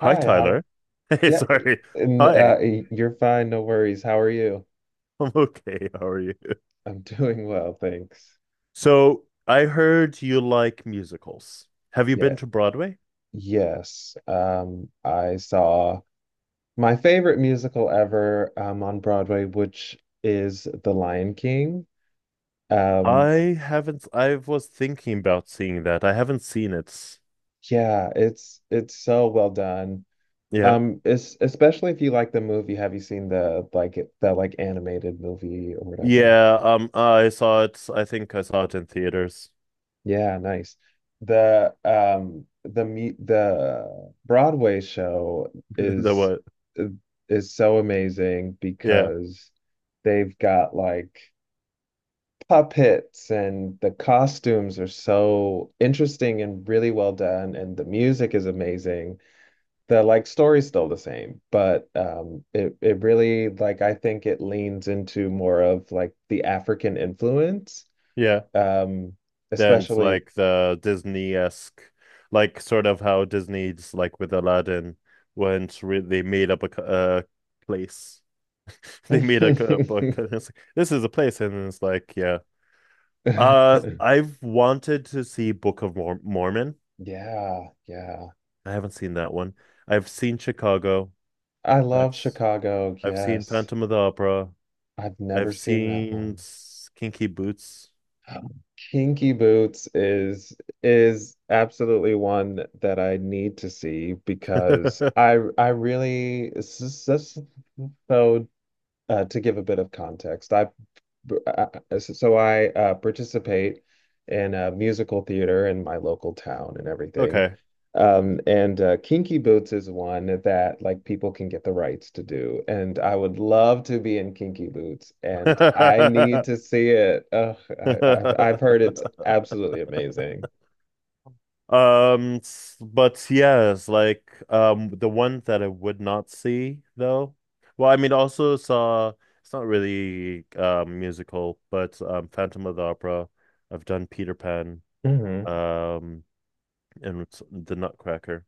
Hi, Hi, Howard. Tyler. Hey, Yeah, sorry. and Hi, You're fine, no worries. How are you? I'm okay. How are you? I'm doing well, thanks. So, I heard you like musicals. Have you been Yeah, to Broadway? yes. I saw my favorite musical ever on Broadway, which is The Lion King. Um, I haven't. I was thinking about seeing that. I haven't seen it. yeah, it's so well done. Yeah. It's especially if you like the movie. Have you seen the like animated movie or whatever? Yeah. I saw it. I think I saw it in theaters. Yeah, nice. The me the Broadway show The is what? is so amazing Yeah. because they've got like puppets and the costumes are so interesting and really well done and the music is amazing. The like story's still the same, but it really like I think it leans into more of like the African influence. Yeah. Um Then it's especially like the Disney-esque, like sort of how Disney's like with Aladdin, when it's they made up a place. They made like a book, and it's like, this is a place, and it's like, yeah. I've wanted to see Book of Mormon. Yeah, yeah. I haven't seen that one. I've seen Chicago. I I've love s- Chicago. I've seen Yes. Phantom of the Opera. I've never I've seen that seen one. Kinky Boots. Kinky Boots is absolutely one that I need to see because I really so to give a bit of context, I I participate in musical theater in my local town and everything. Okay. And Kinky Boots is one that like people can get the rights to do. And I would love to be in Kinky Boots, and I need to see it. Ugh, I've I've heard it's absolutely amazing. But yes, like the one that I would not see though. Well, I mean also saw it's not really musical, but Phantom of the Opera. I've done Peter Pan, Hmm. um and it's the Nutcracker.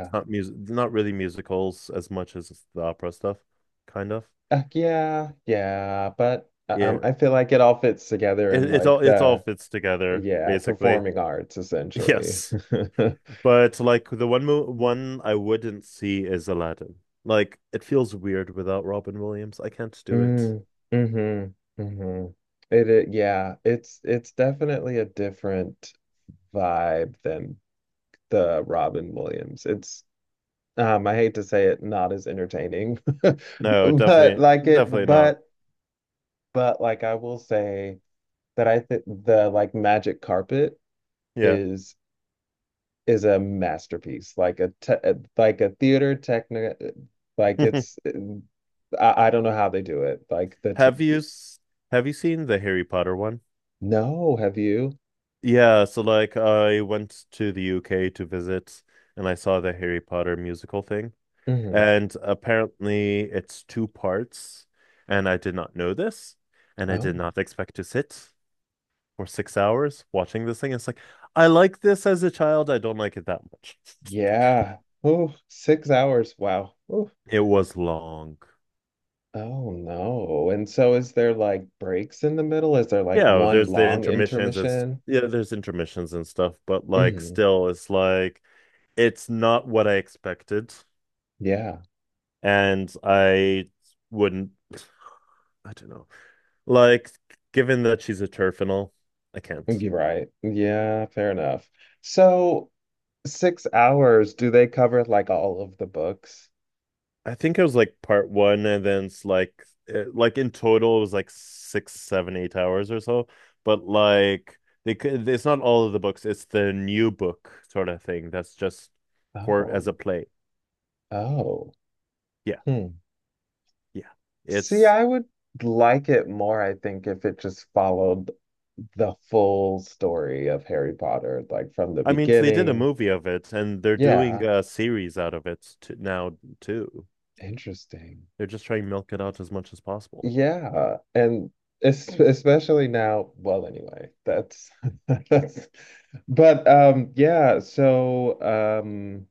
It's not really musicals as much as it's the opera stuff, kind of. Yeah, yeah, but Yeah. I feel like it all fits together It in it all like it all the fits together, yeah, basically. performing arts essentially. Yes. But like the one mo one I wouldn't see is Aladdin. Like it feels weird without Robin Williams. I can't do it. Mm, mm-hmm, mm-hmm. Yeah, it's definitely a different vibe than the Robin Williams. It's I hate to say it, not as entertaining, No, but definitely, like it, definitely not. But like I will say that I think the like Magic Carpet Yeah. is is a masterpiece, like a theater technic, like it's I don't know how they do it, like the t Have you s- have you seen the Harry Potter one? no, have you? Yeah, so like I went to the UK to visit and I saw the Harry Potter musical thing. Hmm. And apparently it's two parts and I did not know this and I did Oh. not expect to sit for 6 hours watching this thing. It's like, I like this as a child. I don't like it that much. Yeah. Oh, 6 hours. Wow. Oof. It was long. Oh no. And so is there like breaks in the middle? Is there like Yeah, oh, one there's the long intermissions intermission? yeah, there's intermissions and stuff, but like Hmm. still, it's like it's not what I expected, Yeah. and I wouldn't. I don't know. Like, given that she's a turf and all, I can't. You're right. Yeah, fair enough. So 6 hours, do they cover like all of the books? I think it was like part one, and then it's like in total it was like 6, 7, 8 hours or so. But like they could, it's not all of the books. It's the new book sort of thing that's just for Oh. as a play. Oh. Yeah, Hmm. yeah. See, It's I would like it more, I think, if it just followed the full story of Harry Potter, like from the I mean they did a beginning. movie of it, and they're doing Yeah. a series out of it t now too. Interesting. They're just trying to milk it out as much as possible. Yeah, and es especially now, well, anyway, that's that's but yeah, so um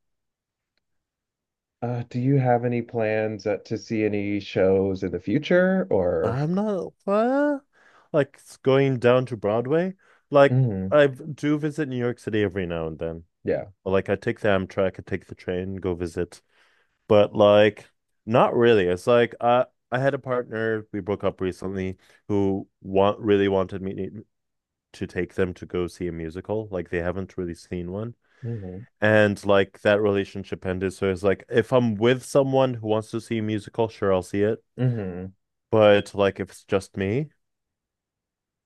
do you have any plans to see any shows in the future or I'm not like it's going down to Broadway. Like mhm, I do visit New York City every now and then. yeah. Well, like I take the Amtrak, I take the train, go visit. But like not really. It's like I had a partner we broke up recently who want really wanted me to take them to go see a musical. Like they haven't really seen one. Mhm. And like that relationship ended. So it's like if I'm with someone who wants to see a musical, sure I'll see it. Mhm. But like if it's just me,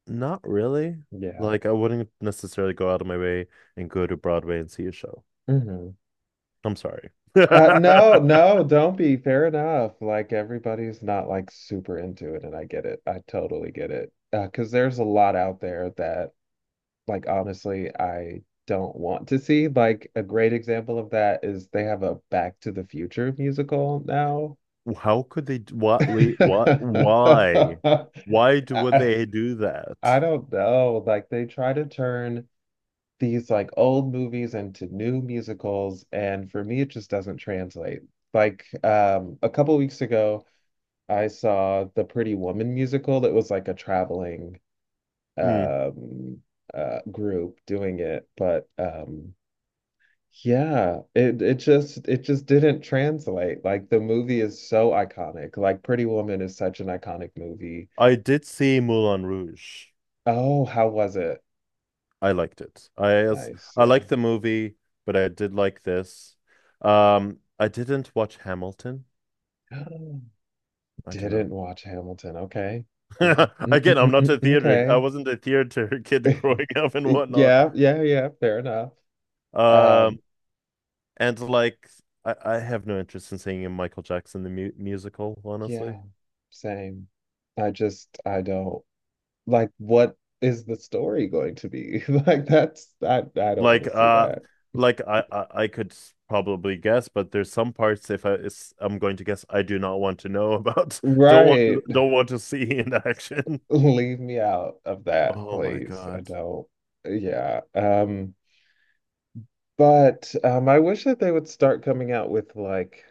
not really. Yeah. Like I wouldn't necessarily go out of my way and go to Broadway and see a show. Mhm. I'm sorry. No, no, don't be. Fair enough. Like everybody's not like super into it and I get it. I totally get it. 'Cause there's a lot out there that like honestly, I don't want to see. Like a great example of that is they have a Back to the Future musical now. How could they? What? Wait, what? Why? Why would I, they do I that? don't know. Like they try to turn these like old movies into new musicals, and for me, it just doesn't translate. Like a couple weeks ago, I saw the Pretty Woman musical that was like a traveling Hmm. um, group doing it, but yeah, it just it just didn't translate. Like the movie is so iconic. Like Pretty Woman is such an iconic movie. I did see Moulin Rouge. Oh, how was it? I liked it. Nice, I yeah. liked the movie, but I did like this. I didn't watch Hamilton. I don't know. Didn't watch Hamilton. Okay. Yeah. Again, I'm not a theater. I Okay. wasn't a theater kid growing up and whatnot. Yeah, yeah, yeah, fair enough. Um, Um, and like, I have no interest in singing a Michael Jackson the mu musical, honestly. yeah, same. I just I don't like what is the story going to be? Like that's I don't want Like to see uh that. like I could probably guess, but there's some parts if I'm going to guess I do not want to know about. Right. don't want to see in action. Leave me out of that, Oh my please. I God. don't. Yeah. But I wish that they would start coming out with like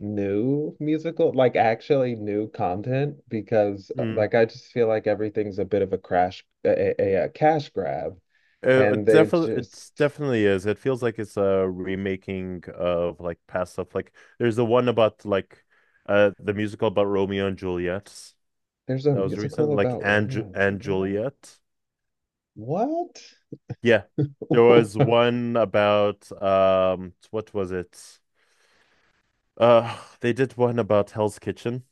new musical, like actually new content, because Hmm. like I just feel like everything's a bit of a a cash grab, and it they definitely just it definitely is. It feels like it's a remaking of like past stuff. Like there's the one about like the musical about Romeo and Juliet there's a that was recent, musical like about and Romeo and and Juliet. Juliet. What? Yeah. There was one about what was it? They did one about Hell's Kitchen.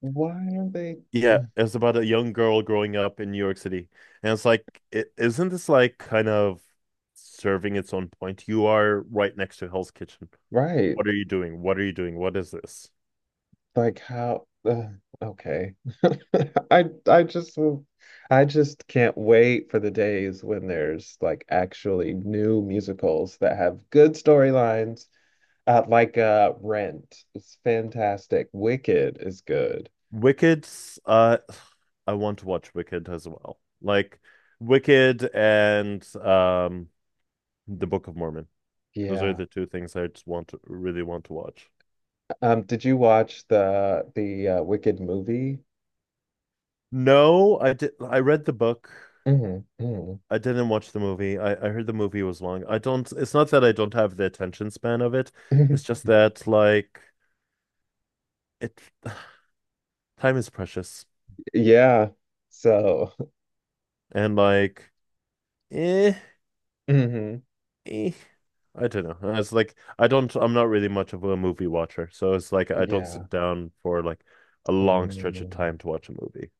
Why are they? Yeah, Uh, it was about a young girl growing up in New York City. And it's like, is isn't this like kind of serving its own point? You are right next to Hell's Kitchen. right. What are you doing? What are you doing? What is this? Like how? Okay. I I just will- I just can't wait for the days when there's like actually new musicals that have good storylines. Rent is fantastic. Wicked is good. Wicked. uh, I want to watch Wicked as well. Like Wicked and The Book of Mormon. Those are Yeah. the two things I just want to really want to watch. Did you watch the Wicked movie? No, I read the book. Hmm. Hmm. I didn't watch the movie. I heard the movie was long. I don't, it's not that I don't have the attention span of it. It's just that, like, it, time is precious. Yeah. So. And, like, eh, Hmm. eh, I don't know. It's like, I'm not really much of a movie watcher. So it's like, I don't Yeah. sit down for like a long stretch of Mm. time to watch a movie.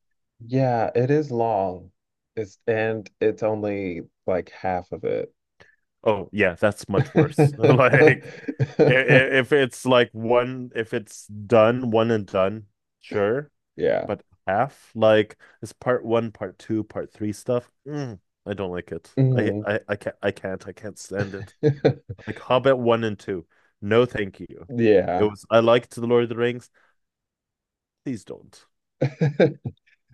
Yeah, it is long. It's and it's only like half of it. Oh, yeah, that's much worse. Like, if it's like one, if it's done, one and done, sure. Yeah. But half like it's part one, part two, part three stuff. Mm, I don't like it. I Hmm. I I can't stand it. Like Hobbit one and two. No, thank you. It Yeah. was I liked the Lord of the Rings. Please don't.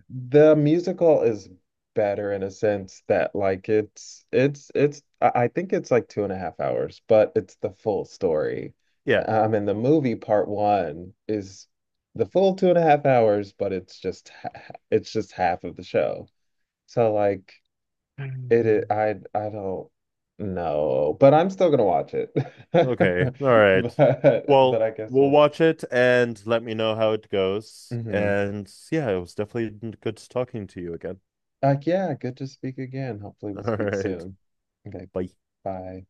The musical is better in a sense that like it's I think it's like 2.5 hours, but it's the full story. Yeah. And the movie part one is the full 2.5 hours, but it's just half of the show. So like it is, I don't know, but I'm still gonna watch it. Okay. All right. But Well, I guess we'll we'll see. watch it and let me know how it goes. Hmm. And yeah, it was definitely good talking to you again. Like, yeah, good to speak again. Hopefully we'll All speak right. soon. Okay, Bye. bye.